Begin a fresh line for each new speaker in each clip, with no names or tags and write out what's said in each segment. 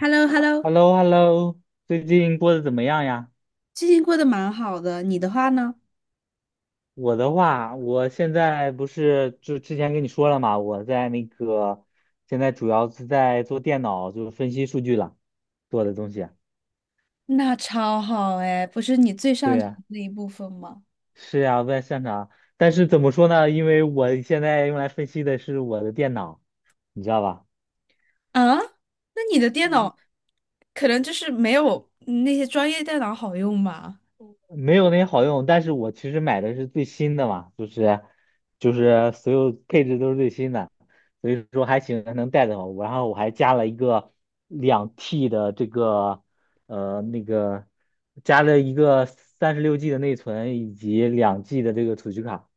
h e l l o h e l l o
hello hello 最近过得怎么样呀？
最近过得蛮好的，你的话呢？
我的话，我现在不是就之前跟你说了嘛，我在现在主要是在做电脑，就是分析数据了，做的东西啊。
那超好哎，不是你最
对
擅长的
呀，
那一部分吗？
是呀，在擅长。但是怎么说呢？因为我现在用来分析的是我的电脑，你知道吧？
啊，那你的电脑可能就是没有那些专业电脑好用吧？
没有那好用，但是我其实买的是最新的嘛，就是所有配置都是最新的，所以说还行，能带得好。然后我还加了一个两 T 的呃那个加了一个36G 的内存以及2G 的这个储蓄卡。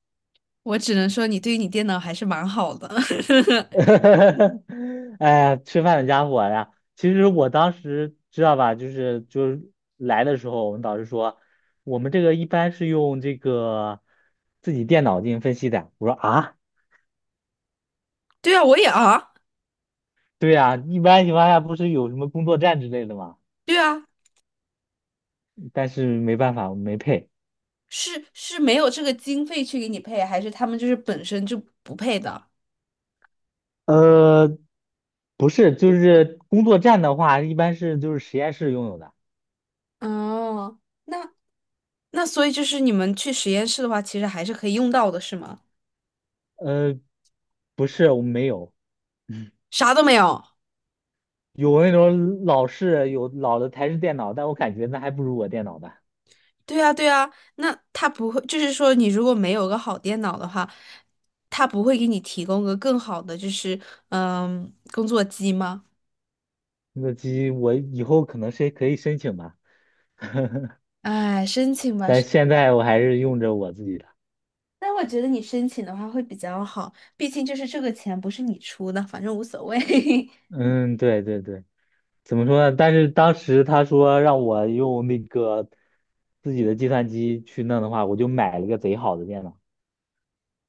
我只能说你对于你电脑还是蛮好的。
哎呀，吃饭的家伙呀！其实我当时知道吧，来的时候，我们导师说，我们这个一般是用这个自己电脑进行分析的。我说啊，
对啊，我也啊，
对呀，一般情况下不是有什么工作站之类的吗？
对啊，
但是没办法，我们没配。
是没有这个经费去给你配，还是他们就是本身就不配的？
呃，不是，就是工作站的话，一般是就是实验室拥有的。
哦，那那所以就是你们去实验室的话，其实还是可以用到的，是吗？
呃，不是，我们没有。
啥都没有。
有那种老的台式电脑，但我感觉那还不如我电脑呢。
对啊，对啊，那他不会，就是说，你如果没有个好电脑的话，他不会给你提供个更好的，就是工作机吗？
那个机我以后可能是可以申请吧，
哎，申请吧，
但现在我还是用着我自己的。
但我觉得你申请的话会比较好，毕竟就是这个钱不是你出的，反正无所谓。
嗯，对对对，怎么说呢？但是当时他说让我用那个自己的计算机去弄的话，我就买了个贼好的电脑。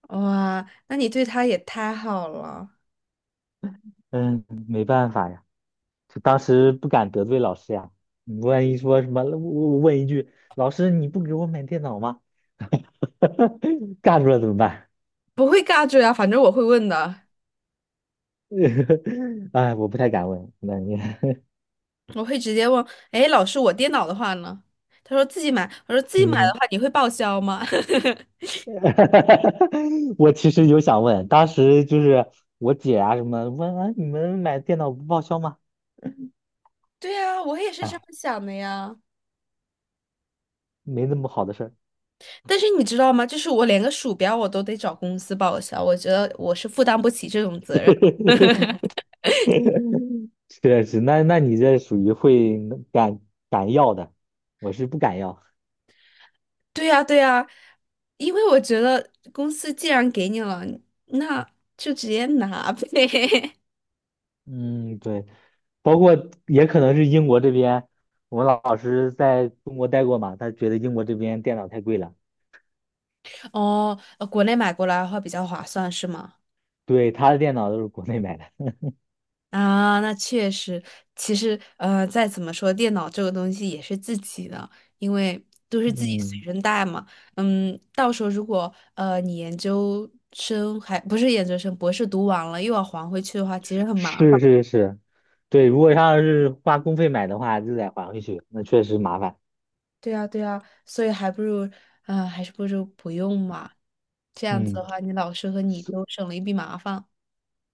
哇，那你对他也太好了，
嗯，没办法呀，就当时不敢得罪老师呀。你万一说什么，我问一句，老师你不给我买电脑吗？干出来怎么办？
不会尬住呀，反正我会问的，
哎，我不太敢问，那你，
我会直接问，哎，老师，我电脑的话呢？他说自己买，我说 自己买的
嗯，
话，你会报销吗？
我其实有想问，当时就是我姐啊什么问啊，你们买电脑不报销吗？
对呀，我也是这
哎，
么想的呀。
没那么好的事儿。
但是你知道吗？就是我连个鼠标我都得找公司报销，我觉得我是负担不起这种责任。
确实，那你这属于会敢敢要的，我是不敢要。
对呀，对呀，因为我觉得公司既然给你了，那就直接拿呗。
嗯，对，包括也可能是英国这边，我们老师在中国待过嘛，他觉得英国这边电脑太贵了，
哦，国内买过来的话比较划算，是吗？
对，他的电脑都是国内买的。
啊，那确实，其实再怎么说，电脑这个东西也是自己的，因为都是自己随
嗯。
身带嘛。嗯，到时候如果你研究生还不是研究生，博士读完了又要还回去的话，其实很麻烦。
是是是，对，如果要是花公费买的话，就得还回去，那确实麻烦。
对啊，对啊，所以还是不如不用嘛。这样子的
嗯，
话，你老师和你
所
都省了一笔麻烦。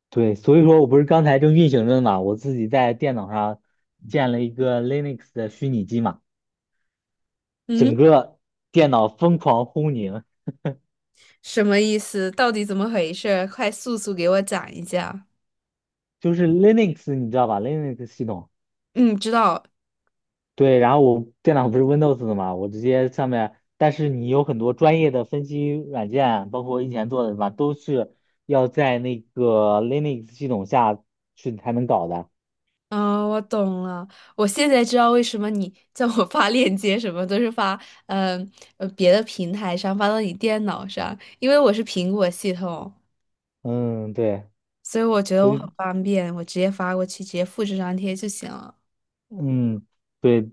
对，所以说我不是刚才正运行着呢嘛，我自己在电脑上建了一个 Linux 的虚拟机嘛，整
嗯，
个电脑疯狂轰鸣，
什么意思？到底怎么回事？快速速给我讲一下。
就是 Linux 你知道吧？Linux 系统。
嗯，知道，
对，然后我电脑不是 Windows 的嘛，我直接上面，但是你有很多专业的分析软件，包括我以前做的什么，都是要在那个 Linux 系统下去才能搞的。
嗯，我懂了，我现在知道为什么你叫我发链接，什么都是发，嗯别的平台上发到你电脑上，因为我是苹果系统，
嗯，对，
所以我觉得
所
我很
以
方便，我直接发过去，直接复制粘贴就行了。
嗯，对，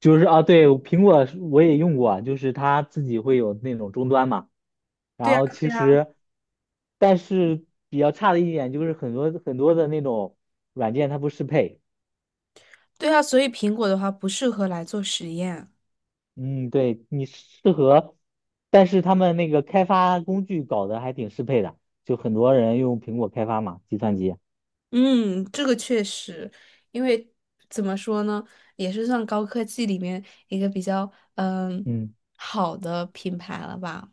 就是啊，对，苹果是我也用过，就是它自己会有那种终端嘛，
对
然
啊，
后其实，但是比较差的一点就是很多很多的那种软件它不适配。
对啊，所以苹果的话不适合来做实验。
嗯，对，你适合，但是他们那个开发工具搞得还挺适配的，就很多人用苹果开发嘛，计算机。
嗯，这个确实，因为怎么说呢，也是算高科技里面一个比较嗯
嗯，
好的品牌了吧？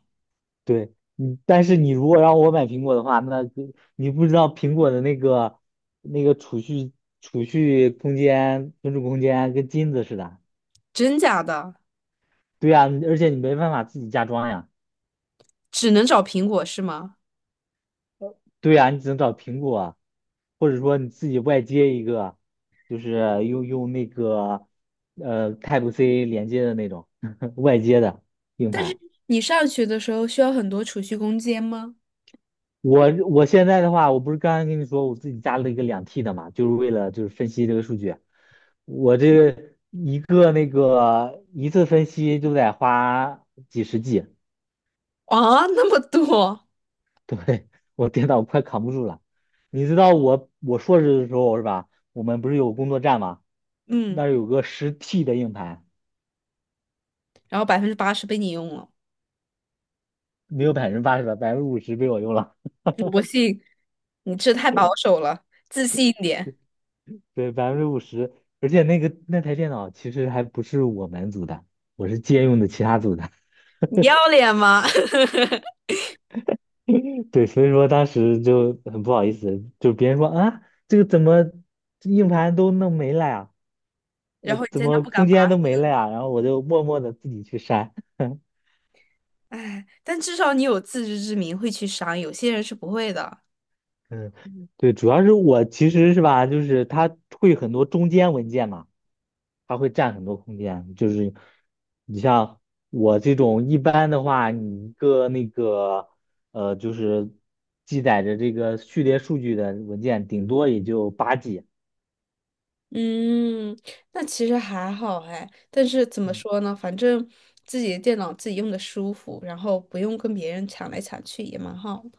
对，嗯，但是你如果让我买苹果的话，那就你不知道苹果的那个储蓄空间、存储空间跟金子似的。
真假的？
对呀，而且你没办法自己加装呀。
只能找苹果是吗？
对呀，你只能找苹果啊或者说你自己外接一个，就是用那个Type C 连接的那种 外接的硬盘。
你上学的时候需要很多储蓄空间吗？
我现在的话，我不是刚刚跟你说我自己加了一个两 T 的嘛，就是为了就是分析这个数据。我这个一个那个一次分析就得花几十G，
啊，那么多，
对，我电脑快扛不住了。你知道我硕士的时候是吧？我们不是有工作站吗？那
嗯，
儿有个10T 的硬盘，
然后80%被你用了，
没有80%吧，百分之五十被我用了。
我信，你这太保守了，自信一点，
对，百分之五十，而且那个那台电脑其实还不是我们组的，我是借用的其他组的。
你要脸吗？
对，所以说当时就很不好意思，就别人说啊，怎么硬盘都弄没了呀？
然后你
怎
在那
么
不敢
空
发，
间都没了呀？然后我就默默的自己去删。
哎，但至少你有自知之明，会去删，有些人是不会的。
嗯，对，主要是我其实是吧，就是它会很多中间文件嘛，它会占很多空间。就是你像我这种一般的话，你一个呃，就是记载着这个序列数据的文件，顶多也就8G。
嗯，那其实还好哎，但是怎么
嗯，
说呢，反正自己的电脑自己用的舒服，然后不用跟别人抢来抢去也蛮好的。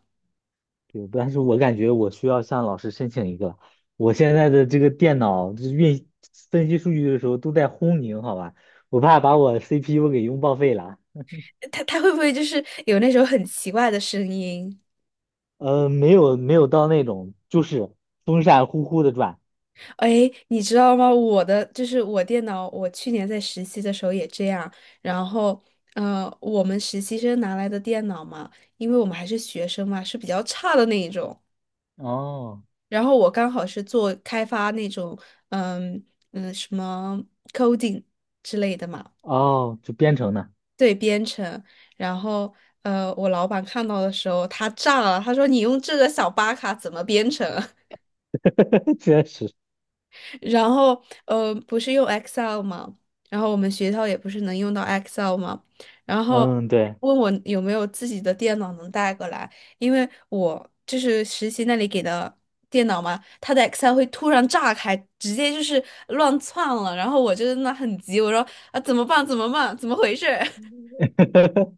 对，但是我感觉我需要向老师申请一个，我现在的这个电脑就是分析数据的时候都在轰鸣，好吧，我怕把我 CPU 给用报废了。
他会不会就是有那种很奇怪的声音？
没有没有到那种，就是风扇呼呼的转。
哎，你知道吗？我的就是我电脑，我去年在实习的时候也这样。然后，我们实习生拿来的电脑嘛，因为我们还是学生嘛，是比较差的那一种。
哦
然后我刚好是做开发那种，嗯什么 coding 之类的嘛，
哦，就编程呢，
对，编程。然后，我老板看到的时候，他炸了，他说：“你用这个小巴卡怎么编程？”
确实，
然后不是用 Excel 吗？然后我们学校也不是能用到 Excel 吗？然后
嗯，对，
问我有没有自己的电脑能带过来，因为我就是实习那里给的电脑嘛，它的 Excel 会突然炸开，直接就是乱窜了。然后我就在那很急，我说啊怎么办？怎么办？怎么回事？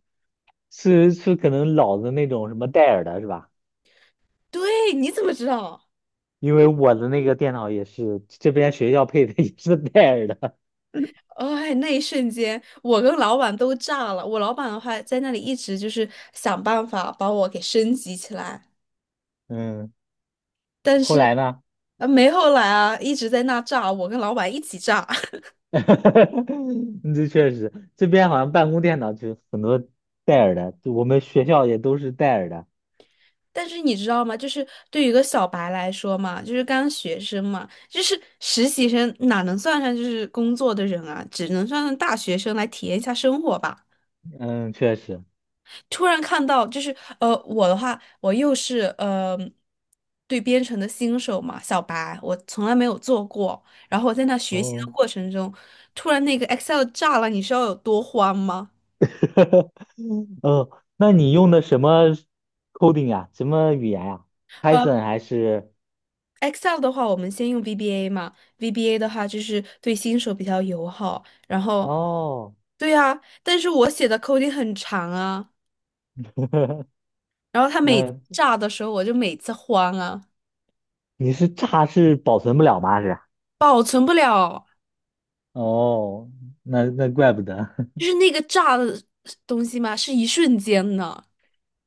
是可能老的那种什么戴尔的是吧？
对，你怎么知道？
因为我的那个电脑也是这边学校配的，也是戴尔的。
哦哎，那一瞬间，我跟老板都炸了。我老板的话，在那里一直就是想办法把我给升级起来。
嗯，
但
后
是
来呢？
啊，没后来啊，一直在那炸，我跟老板一起炸。
嗯这确实，这边好像办公电脑就很多戴尔的，就我们学校也都是戴尔的。
但是你知道吗？就是对于一个小白来说嘛，就是刚学生嘛，就是实习生哪能算上就是工作的人啊？只能算上大学生来体验一下生活吧。
嗯，确实。
突然看到，就是我的话，我又是对编程的新手嘛，小白，我从来没有做过。然后我在那学习
哦。
的过程中，突然那个 Excel 炸了，你知道有多慌吗？
嗯，那你用的什么 coding 啊？什么语言呀？p y t h o
呃。
n 还是？
Excel 的话，我们先用 VBA 嘛，VBA 的话就是对新手比较友好。然后，
哦，
对啊，但是我写的 coding 很长啊，然 后他每次
那
炸的时候，我就每次慌啊，
你是炸是保存不了吗？是？
保存不了，
哦，那怪不得，
就是那个炸的东西嘛，是一瞬间的。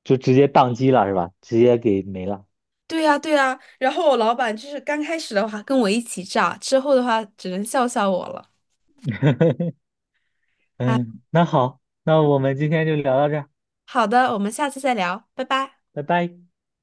就直接宕机了是吧？直接给没了。
对呀，对呀。然后我老板就是刚开始的话跟我一起炸，之后的话只能笑笑我了。啊，
嗯，那好，那我们今天就聊到这儿，
好的，我们下次再聊，拜拜。
拜拜。